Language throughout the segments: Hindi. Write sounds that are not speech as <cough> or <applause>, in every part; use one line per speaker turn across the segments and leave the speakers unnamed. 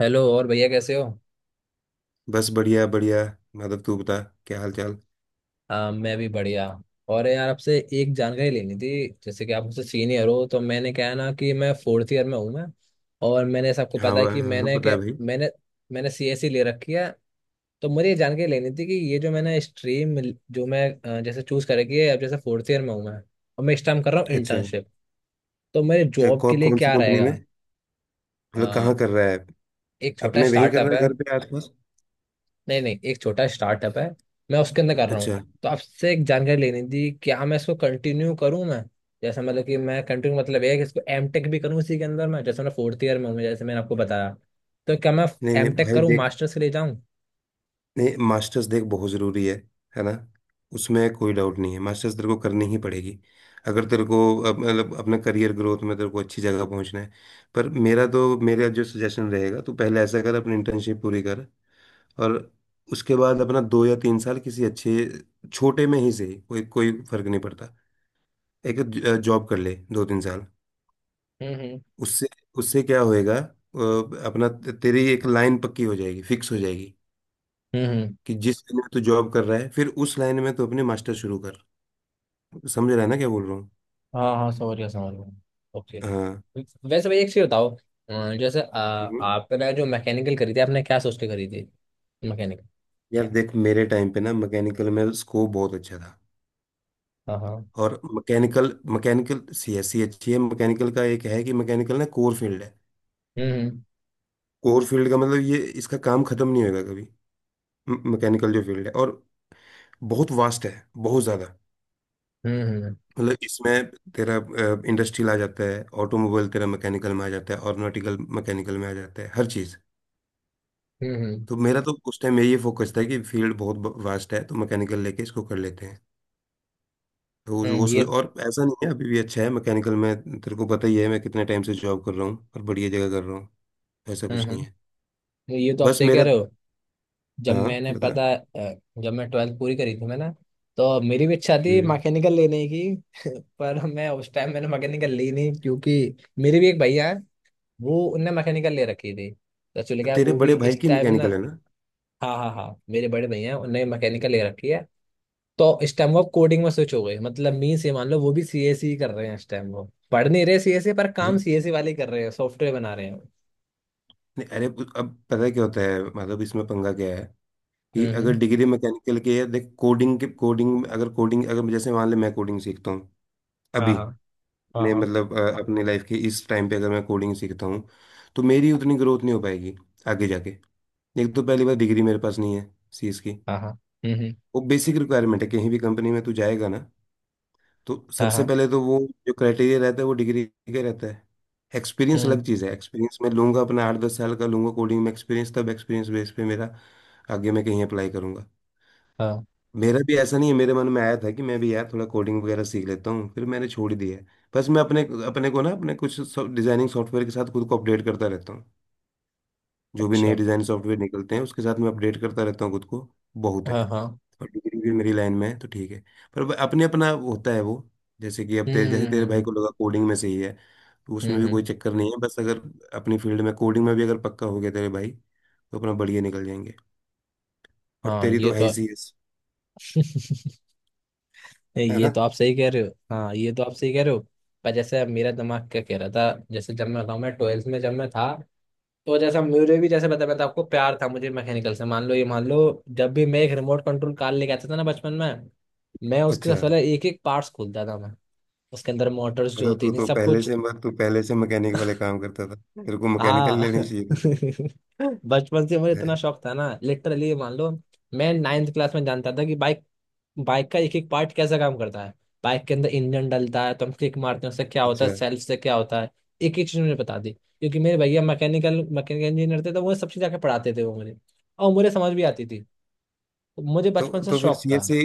हेलो, और भैया कैसे हो?
बस बढ़िया बढ़िया। माधव तू बता, क्या हाल चाल।
हाँ, मैं भी बढ़िया। और यार, आपसे एक जानकारी लेनी थी, जैसे कि आप मुझसे सीनियर हो। तो मैंने क्या है ना कि मैं फोर्थ ईयर में हूँ मैं। और मैंने ऐसा, आपको
हाँ
पता है
भाई,
कि
हाँ
मैंने
पता है
क्या,
भाई।
मैंने मैंने सीएसई ले रखी है। तो मुझे ये जानकारी लेनी थी कि ये जो मैंने स्ट्रीम जो मैं जैसे चूज कर रखी है, अब जैसे फोर्थ ईयर में हूँ मैं। और मैं इस टाइम कर रहा हूँ
अच्छा।
इंटर्नशिप। तो मेरे जॉब के लिए
कौन सी
क्या
कंपनी
रहेगा?
में, मतलब कहाँ
अ,
कर रहा है।
एक छोटा
अपने वहीं कर रहा
स्टार्टअप है।
है घर पे आसपास।
नहीं, नहीं, एक छोटा स्टार्टअप है। मैं उसके अंदर कर रहा हूँ।
अच्छा।
तो आपसे एक जानकारी लेनी थी, क्या मैं इसको कंटिन्यू करूँ मैं। जैसे मतलब कि मैं कंटिन्यू, मतलब ये है कि इसको एम टेक भी करूँ इसी के अंदर मैं। जैसे मैं फोर्थ ईयर में हूँ, जैसे मैंने आपको बताया। तो क्या मैं
नहीं नहीं
एम टेक
भाई
करूँ,
देख।
मास्टर्स के लिए जाऊँ?
नहीं, मास्टर्स देख बहुत ज़रूरी है ना। उसमें कोई डाउट नहीं है, मास्टर्स तेरे को करनी ही पड़ेगी। अगर तेरे को मतलब अपने करियर ग्रोथ में तेरे को अच्छी जगह पहुंचना है। पर मेरा तो मेरा जो सजेशन रहेगा तो पहले ऐसा कर, अपनी इंटर्नशिप पूरी कर। और उसके बाद अपना 2 या 3 साल किसी अच्छे, छोटे में ही सही, कोई कोई फर्क नहीं पड़ता। एक जॉब कर ले दो तीन साल।
हम्म, हम्म,
उससे उससे क्या होएगा, अपना तेरी एक लाइन पक्की हो जाएगी, फिक्स हो जाएगी।
हम्म, हम्म।
कि जिस लाइन में तू जॉब कर रहा है फिर उस लाइन में तू अपने मास्टर शुरू कर। समझ रहा है ना क्या बोल रहा हूँ।
हाँ, हाँ, समझ गया, समझ गया, ओके।
हाँ।
वैसे भाई, एक चीज बताओ। जैसे
हम्म।
आपने जो मैकेनिकल करी थी, आपने क्या सोच के करी थी मैकेनिकल?
यार देख, मेरे टाइम पे ना मैकेनिकल में स्कोप बहुत अच्छा था।
हाँ, हाँ।
और mechanical mechanical C S C अच्छी है, मैकेनिकल का एक है कि मैकेनिकल ना कोर फील्ड है।
हम्म,
कोर फील्ड का मतलब ये, इसका काम खत्म नहीं होगा कभी। मैकेनिकल जो फील्ड है और बहुत वास्ट है, बहुत ज़्यादा।
हम्म, हम्म,
मतलब इसमें तेरा इंडस्ट्रियल आ जाता है, ऑटोमोबाइल तेरा मैकेनिकल में आ जाता है, ऑर्गेनाइटिकल मैकेनिकल में आ जाता है, हर चीज़।
हम्म,
तो मेरा तो उस टाइम में ये फोकस था कि फील्ड बहुत वास्ट है तो मैकेनिकल लेके इसको कर लेते हैं। तो वो सोच,
ये।
और ऐसा नहीं है, अभी भी अच्छा है मैकेनिकल में। तेरे को पता ही है मैं कितने टाइम से जॉब कर रहा हूँ और बढ़िया जगह कर रहा हूँ। ऐसा
हम्म,
कुछ नहीं है।
हम्म, ये तो आप
बस
सही कह
मेरा।
रहे हो।
हाँ बता।
जब मैं 12th पूरी करी थी मैंने, तो मेरी भी इच्छा थी
हम्म।
मैकेनिकल लेने की। <laughs> पर मैं उस टाइम, मैंने मैकेनिकल ली नहीं, क्योंकि मेरे भी एक भैया है। वो, उनने मैकेनिकल ले रखी थी। तो चल गया
तेरे
वो भी
बड़े भाई
इस
की
टाइम ना।
मैकेनिकल है
हाँ, हाँ, हाँ, मेरे बड़े भैया हैं, उनने मैकेनिकल ले रखी है। तो इस टाइम वो कोडिंग में स्विच हो गए, मतलब मीन्स ये मान लो, वो भी सीएसई कर रहे हैं इस टाइम वो। पढ़ नहीं रहे सीएसई, पर
ना।
काम सीएसई वाले कर रहे हैं, सॉफ्टवेयर बना रहे हैं।
नहीं अरे, अब पता है क्या होता है मतलब, इसमें पंगा क्या है। कि
हम्म,
अगर डिग्री मैकेनिकल की है देख, कोडिंग अगर जैसे मान ले मैं कोडिंग सीखता हूँ। अभी
हाँ, हाँ, हाँ,
ने
हाँ,
मतलब, अपनी लाइफ के इस टाइम पे अगर मैं कोडिंग सीखता हूँ। तो मेरी उतनी ग्रोथ नहीं हो पाएगी आगे जाके। एक तो पहली बार डिग्री मेरे पास नहीं है सी एस की।
हाँ, हाँ, हम्म,
वो बेसिक रिक्वायरमेंट है, कहीं भी कंपनी में तू जाएगा ना। तो
हाँ,
सबसे
हाँ,
पहले तो वो जो क्राइटेरिया रहता है वो डिग्री का रहता है। एक्सपीरियंस अलग
हम्म,
चीज़ है, एक्सपीरियंस मैं लूंगा अपना 8-10 साल का, लूंगा कोडिंग में एक्सपीरियंस, तब एक्सपीरियंस बेस पे मेरा आगे मैं कहीं अप्लाई करूंगा।
हाँ,
मेरा भी ऐसा नहीं है, मेरे मन में आया था कि मैं भी यार थोड़ा कोडिंग वगैरह सीख लेता हूँ, फिर मैंने छोड़ ही दिया है। बस मैं अपने अपने को ना अपने कुछ डिजाइनिंग सॉफ्टवेयर के साथ खुद को अपडेट करता रहता हूँ। जो भी नए
अच्छा,
डिजाइन सॉफ्टवेयर निकलते हैं उसके साथ मैं अपडेट करता रहता हूँ खुद को। बहुत है,
हाँ, हाँ,
और डिग्री भी मेरी लाइन में है तो ठीक है। पर अपने अपना होता है वो, जैसे कि अब तेरे जैसे
हम्म,
तेरे भाई
हम्म,
को लगा कोडिंग में सही है। तो उसमें भी कोई
हम्म,
चक्कर नहीं है, बस अगर अपनी फील्ड में कोडिंग में भी अगर पक्का हो गया तेरे भाई तो अपना बढ़िया निकल जाएंगे। और
हाँ,
तेरी तो
ये
है ही
तो
सीएस,
<laughs>
है
ये
ना।
तो आप सही कह रहे हो। हाँ, ये तो आप सही कह रहे हो। पर जैसे मेरा दिमाग क्या कह रहा था, जैसे जब मैं बताऊँ, मैं 12th में जब मैं था, तो जैसा मेरे भी जैसे बताया मैं था आपको, प्यार था मुझे मैकेनिकल से। मान लो, ये मान लो, जब भी मैं एक रिमोट कंट्रोल कार लेके आता था ना बचपन में, मैं उसके सबसे
अच्छा
पहले एक एक पार्ट्स खोलता था मैं। उसके अंदर मोटर्स जो
मतलब तू
होती थी,
तो
सब
पहले
कुछ।
से मैं तू पहले से मैकेनिक वाले काम करता था, तेरे को मैकेनिकल
हाँ।
लेनी चाहिए
<laughs>
थी।
बचपन से मुझे
है?
इतना शौक था ना, लिटरली मान लो। मैं नाइन्थ क्लास में जानता था कि बाइक बाइक का एक एक पार्ट कैसा काम करता है। बाइक के अंदर इंजन डलता है, तो हम किक मारते हैं, उससे क्या होता है,
अच्छा।
सेल्फ से क्या होता है। एक एक चीज मुझे बता दी, क्योंकि मेरे भैया मैकेनिकल मैकेनिकल इंजीनियर थे, तो वो सब चीज़ आके पढ़ाते थे वो मुझे। और मुझे समझ भी आती थी। तो मुझे
तो
बचपन से
तो फिर
शौक था।
सीएससी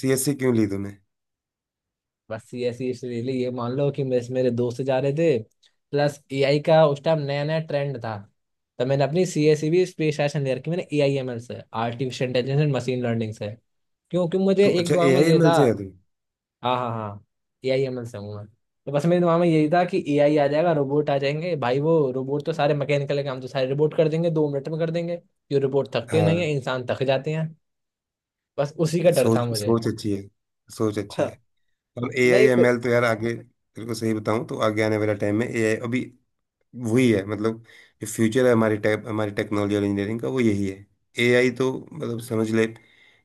सीएससी क्यों ली तूने।
बस ये ऐसी, इसलिए ये मान लो कि मेरे मेरे दोस्त जा रहे थे। प्लस एआई का उस टाइम नया नया ट्रेंड था। तो मैंने अपनी सी एस सी भी स्पेशलाइजेशन ले रखी मैंने ए आई एम एल से, artificial intelligence and machine learning से। क्योंकि मुझे
तू
एक
अच्छा
दिमाग
ए
में
आई
ये
एम एल
था।
से है तू।
हाँ, हाँ, हाँ। ए आई एम एल से हूँ मैं। तो बस मेरे दिमाग में यही था कि ए आई आ जाएगा, रोबोट आ जाएंगे भाई। वो रोबोट तो सारे मैकेनिकल काम तो सारे रोबोट कर देंगे, 2 मिनट में कर देंगे। ये रोबोट थकते नहीं
हाँ।
है, इंसान थक जाते हैं। बस उसी का डर था
सोच
मुझे।
सोच अच्छी है, सोच अच्छी है।
<laughs>
और ए आई
नहीं,
एम
फिर।
एल तो यार आगे, तेरे को सही बताऊं तो आगे आने वाला टाइम में ए आई अभी वही है मतलब। जो फ्यूचर है हमारी टेक्नोलॉजी और इंजीनियरिंग का वो यही है। ए आई तो मतलब समझ ले,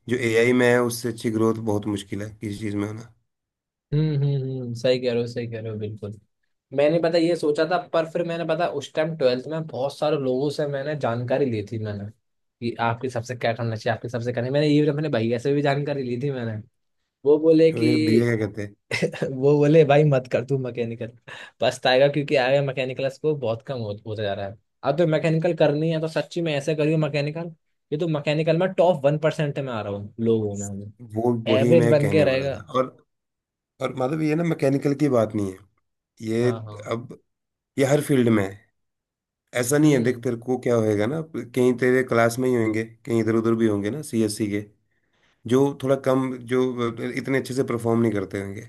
जो ए आई में है उससे अच्छी ग्रोथ बहुत मुश्किल है किसी चीज़ में होना।
हम्म, हम्म, हम्म, सही कह रहे हो, सही कह रहे हो बिल्कुल। मैंने पता ये सोचा था, पर फिर मैंने पता उस टाइम 12th में बहुत सारे लोगों से मैंने जानकारी ली थी मैंने, कि आपके सबसे क्या करना चाहिए, आपके सबसे करना। मैंने ये अपने भैया से भी जानकारी ली थी मैंने। वो बोले
फिर भैया
कि,
क्या कहते हैं।
वो बोले भाई मत कर तू मैकेनिकल। पछताएगा, क्योंकि आगे मैकेनिकल स्कोप बहुत कम होता जा रहा है। अब तो मैकेनिकल करनी है तो सच्ची में ऐसे करियो मैकेनिकल। ये तो मैकेनिकल में टॉप 1% में आ रहा हूँ, लोगों में हूँ।
वो वही
एवरेज
मैं
बन के
कहने वाला था
रहेगा।
और मतलब ये ना, मैकेनिकल की बात नहीं है ये।
हाँ, हाँ,
अब, ये हर फील्ड में है। ऐसा नहीं है देख,
हम्म,
तेरे को क्या होएगा ना, कहीं तेरे क्लास में ही होंगे कहीं इधर उधर भी होंगे ना सीएससी के। जो थोड़ा कम, जो इतने अच्छे से परफॉर्म नहीं करते होंगे,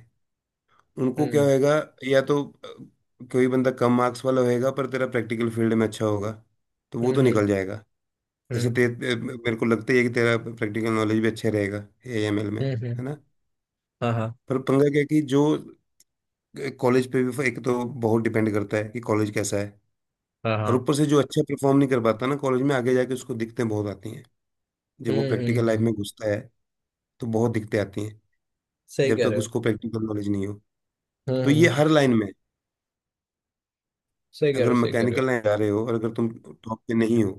उनको क्या
हम्म,
होएगा। या तो कोई बंदा कम मार्क्स वाला होएगा पर तेरा प्रैक्टिकल फील्ड में अच्छा होगा, तो वो
हम्म,
तो निकल
हम्म,
जाएगा। जैसे
हम्म,
ते, ते- मेरे को लगता ही है कि तेरा प्रैक्टिकल नॉलेज भी अच्छा रहेगा एएमएल में,
हम्म,
है ना।
हाँ, हाँ,
पर पंगा क्या है कि जो कॉलेज पे भी एक तो बहुत डिपेंड करता है कि कॉलेज कैसा है।
हाँ,
और
हाँ,
ऊपर से जो अच्छा परफॉर्म नहीं कर पाता ना कॉलेज में आगे जाके, उसको दिक्कतें बहुत आती हैं जब वो
हम्म,
प्रैक्टिकल
हम्म,
लाइफ में
हम्म,
घुसता है। तो बहुत दिक्कतें आती हैं
सही
जब
कह
तक
रहे हो।
उसको प्रैक्टिकल नॉलेज नहीं हो।
हम्म,
तो ये
हम्म,
हर लाइन में है।
सही कह रहे
अगर
हो, सही कह रहे
मैकेनिकल
हो।
लाइन जा रहे हो और अगर तुम टॉप पे नहीं हो,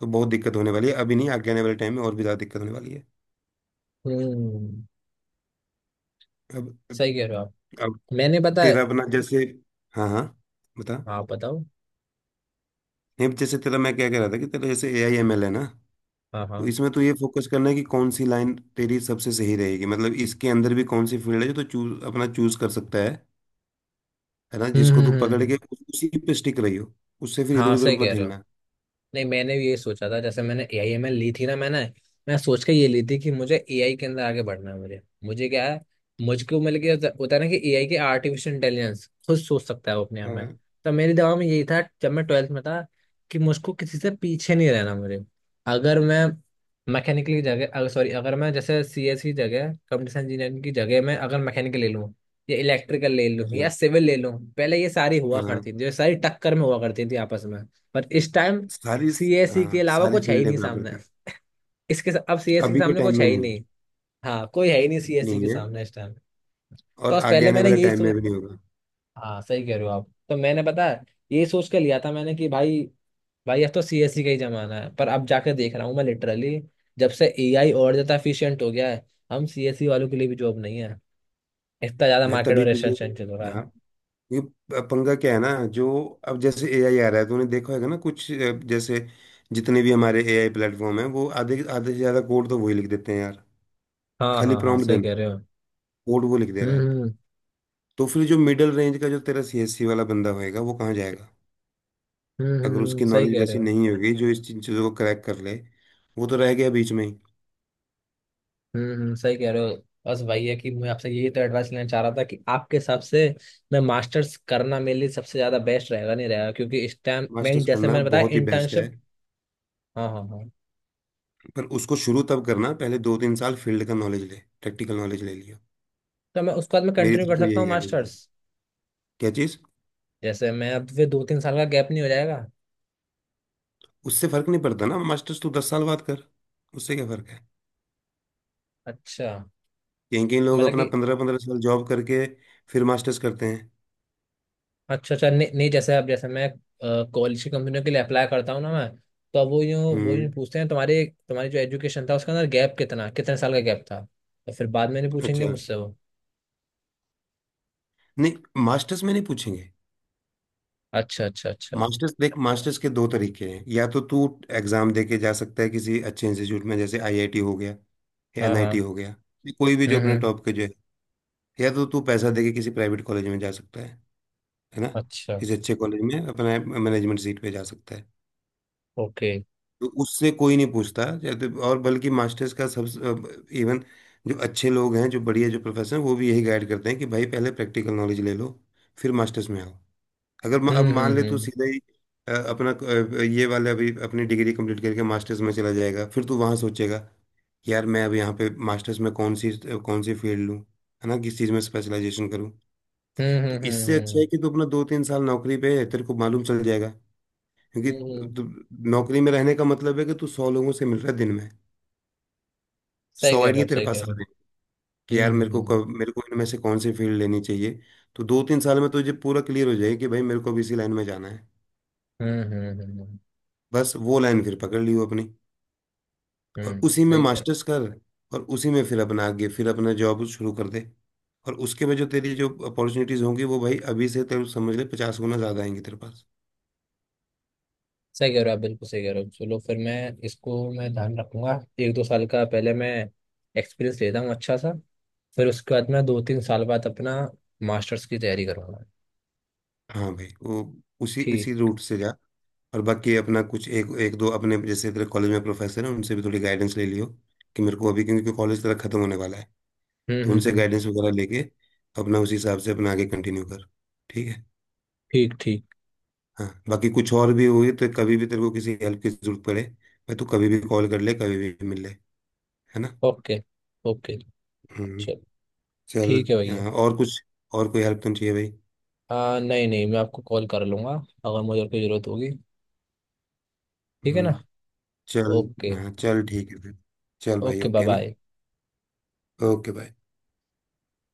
तो बहुत दिक्कत होने वाली है, अभी नहीं आगे आने वाले टाइम में और भी ज्यादा दिक्कत होने वाली है।
हम्म,
अब
सही कह रहे हो आप।
अब
मैंने बताया,
तेरा अपना जैसे, हाँ हाँ बता।
हाँ बताओ,
नहीं जैसे तेरा, मैं क्या कह रहा था कि तेरा जैसे ए आई एम एल है ना।
हाँ,
तो
हाँ,
इसमें तो ये फोकस करना है कि कौन सी लाइन तेरी सबसे सही रहेगी, मतलब इसके अंदर भी कौन सी फील्ड है जो तो चूज, अपना चूज कर सकता है। है ना,
हम्म,
जिसको तू
हम्म,
पकड़
हम्म,
के उसी पे स्टिक रही हो। उससे फिर इधर
हाँ,
उधर
सही
मत
कह रहे हो।
हिलना।
नहीं, मैंने भी ये सोचा था, जैसे मैंने ए आई एम एल ली थी ना मैंने। मैं सोच के ये ली थी कि मुझे ए आई के अंदर आगे बढ़ना है मुझे, मुझे क्या है। मुझको मिल गया होता होता है ना, कि ए आई के आर्टिफिशियल इंटेलिजेंस खुद सोच सकता है वो अपने आप में।
हाँ
तो मेरे दिमाग में यही था जब मैं ट्वेल्थ में था, कि मुझको किसी से पीछे नहीं रहना मुझे। अगर मैं मैकेनिकल की जगह, अगर सॉरी, अगर मैं जैसे सी एस की जगह, कंप्यूटर इंजीनियरिंग की जगह, मैं अगर मैकेनिकल ले लूँ, या इलेक्ट्रिकल ले लूँ, या
अच्छा।
सिविल ले लूँ, पहले ये सारी
हाँ
हुआ
हाँ।
करती थी, ये सारी टक्कर में हुआ करती थी आपस में। पर इस टाइम
सारी, हाँ
सीएससी के अलावा
सारी
कुछ है ही
फील्डें
नहीं
बराबर
सामने।
थी।
अब सीएससी के
अभी के
सामने
टाइम
कुछ
में
है ही
नहीं है,
नहीं। हाँ, कोई है ही नहीं
अभी
सीएससी
नहीं
के
है,
सामने इस टाइम।
और
तो बस
आगे
पहले
आने
मैंने
वाले
यही
टाइम में
सोच।
भी नहीं होगा।
हाँ, सही कह रहे हो आप। तो मैंने पता है, यही सोच के लिया था मैंने कि भाई, भाई, अब तो सीएससी का ही जमाना है। पर अब जाकर देख रहा हूँ मैं लिटरली, जब से एआई और ज्यादा एफिशिएंट हो गया है, हम सीएससी वालों के लिए भी जॉब नहीं है। इतना ज्यादा
मैं
मार्केट
तभी
और
तुझे,
रेशन चल रहा है।
हाँ ये पंगा क्या है ना, जो अब जैसे एआई आ रहा है तूने देखा होगा ना कुछ, जैसे जितने भी हमारे एआई प्लेटफॉर्म है वो आधे आधे से ज्यादा कोड तो वही लिख देते हैं यार।
हाँ,
खाली
हाँ, हाँ,
प्रॉम्प्ट
सही
देना
कह
है,
रहे हो।
कोड वो लिख दे रहा है।
हम्म, हम्म,
तो फिर जो मिडिल रेंज का जो तेरा सीएससी वाला बंदा होएगा वो कहाँ जाएगा।
हम्म,
अगर उसकी
सही
नॉलेज
कह रहे
वैसी
हो।
नहीं होगी जो इस चीज़ों को क्रैक कर ले, वो तो रह गया बीच में ही।
हम्म, सही कह रहे हो। बस वही है कि मैं आपसे यही तो एडवाइस लेना चाह रहा था, कि आपके हिसाब से मैं मास्टर्स करना मेरे लिए सबसे ज्यादा बेस्ट रहेगा, नहीं रहेगा, क्योंकि इस टाइम मैं,
मास्टर्स
जैसे
करना
मैंने बताया,
बहुत ही बेस्ट है,
इंटर्नशिप। हाँ, हाँ, हाँ।
पर उसको शुरू तब करना पहले 2-3 साल फील्ड का नॉलेज ले, प्रैक्टिकल नॉलेज ले लिया।
तो मैं उसके बाद मैं
मेरी
कंटिन्यू
तरफ
कर
को
सकता
यही
हूँ
गाइडेंस दी,
मास्टर्स।
क्या चीज़।
जैसे मैं अब फिर दो तीन साल का गैप नहीं हो जाएगा?
उससे फर्क नहीं पड़ता ना, मास्टर्स तू 10 साल बाद कर, उससे क्या फर्क है।
अच्छा।
कहीं कहीं लोग
मतलब
अपना
कि,
15-15 साल जॉब करके फिर मास्टर्स करते हैं।
अच्छा, अच्छा, नहीं, नहीं, जैसे अब, जैसे मैं कॉलेज की कंपनियों के लिए अप्लाई करता हूँ ना मैं, तो अब वो
हम्म।
यूँ पूछते हैं, तुम्हारे तुम्हारी जो एजुकेशन था उसके अंदर गैप कितना कितने साल का गैप था। तो फिर बाद में नहीं पूछेंगे
अच्छा।
मुझसे वो?
नहीं, मास्टर्स में नहीं पूछेंगे।
अच्छा, अच्छा, अच्छा।
मास्टर्स देख, मास्टर्स के दो तरीके हैं, या तो तू एग्जाम दे के जा सकता है किसी अच्छे इंस्टीट्यूट में जैसे आईआईटी हो गया, या
हाँ,
एनआईटी
हाँ,
हो गया, या कोई भी जो
हम्म,
अपने
हम्म।
टॉप के जो है। या तो तू पैसा दे के किसी प्राइवेट कॉलेज में जा सकता है ना,
अच्छा,
किसी अच्छे कॉलेज में अपना मैनेजमेंट सीट पे जा सकता है।
ओके।
तो उससे कोई नहीं पूछता और बल्कि मास्टर्स का सब, इवन, जो अच्छे लोग हैं जो बढ़िया जो प्रोफेसर हैं वो भी यही गाइड करते हैं कि भाई पहले प्रैक्टिकल नॉलेज ले लो, फिर मास्टर्स में आओ। अगर म- अब
हम्म,
मान ले
हम्म,
तू
हम्म,
सीधा ही, अपना ये वाला अभी अपनी डिग्री कंप्लीट करके मास्टर्स में चला जाएगा, फिर तू वहाँ सोचेगा, यार मैं अब यहाँ पे मास्टर्स में कौन सी फील्ड लूँ, है ना, किस चीज़ में स्पेशलाइजेशन करूँ।
हम्म, हम्म,
तो
हम्म, हम्म,
इससे अच्छा है कि तू अपना 2-3 साल नौकरी पे है, तेरे को मालूम चल जाएगा। क्योंकि
हम्म।
तु- नौकरी में रहने का मतलब है कि तू 100 लोगों से मिल रहा है दिन में।
सही
सौ
कह रहे
आइडिया
हो आप,
तेरे
सही
पास
कह
आ
रहे
रहे
हो।
हैं, कि यार मेरे
हम्म,
को
हम्म,
कब मेरे को इनमें से कौन सी फील्ड लेनी चाहिए। तो 2-3 साल में तुझे पूरा क्लियर हो जाएगा कि भाई मेरे को भी इसी लाइन में जाना है।
हम्म, हम्म, हम्म, हम्म,
बस वो लाइन फिर पकड़ लियो अपनी, और उसी में
सही कह रहे हो,
मास्टर्स कर। और उसी में फिर अपना आगे फिर अपना जॉब शुरू कर दे। और उसके में जो तेरी जो अपॉर्चुनिटीज होंगी वो भाई अभी से तेरे को समझ ले, 50 गुना ज्यादा आएंगी तेरे पास।
सही कह रहे हो आप, बिल्कुल सही कह रहे हो। चलो फिर मैं इसको मैं ध्यान रखूंगा। एक दो साल का पहले मैं एक्सपीरियंस लेता हूँ अच्छा सा, फिर उसके बाद मैं दो तीन साल बाद अपना मास्टर्स की तैयारी करूंगा।
हाँ भाई वो उसी
ठीक।
उसी रूट से जा। और बाकी अपना कुछ एक एक दो अपने जैसे तेरे कॉलेज में प्रोफेसर हैं उनसे भी थोड़ी गाइडेंस ले लियो, कि मेरे को अभी, क्योंकि कॉलेज तेरा खत्म होने वाला है।
हम्म,
तो
हम्म,
उनसे
हम्म।
गाइडेंस वगैरह लेके अपना उसी हिसाब से अपना आगे कंटिन्यू कर। ठीक है।
ठीक, ठीक।
हाँ, बाकी कुछ और भी हुई तो कभी भी तेरे को किसी हेल्प की जरूरत पड़े भाई तू कभी भी कॉल कर ले कभी भी मिल ले, है ना।
Okay, okay.
हम्म।
चलो,
चल।
ठीक है भैया।
हाँ, और कुछ, और कोई हेल्प तो नहीं चाहिए भाई।
हाँ, नहीं, नहीं, मैं आपको कॉल कर लूंगा, अगर मुझे और कोई ज़रूरत होगी। ठीक है ना।
हम्म। चल
ओके।
हाँ चल ठीक है फिर। चल भाई
ओके, बाय
ओके ना।
बाय।
ओके भाई।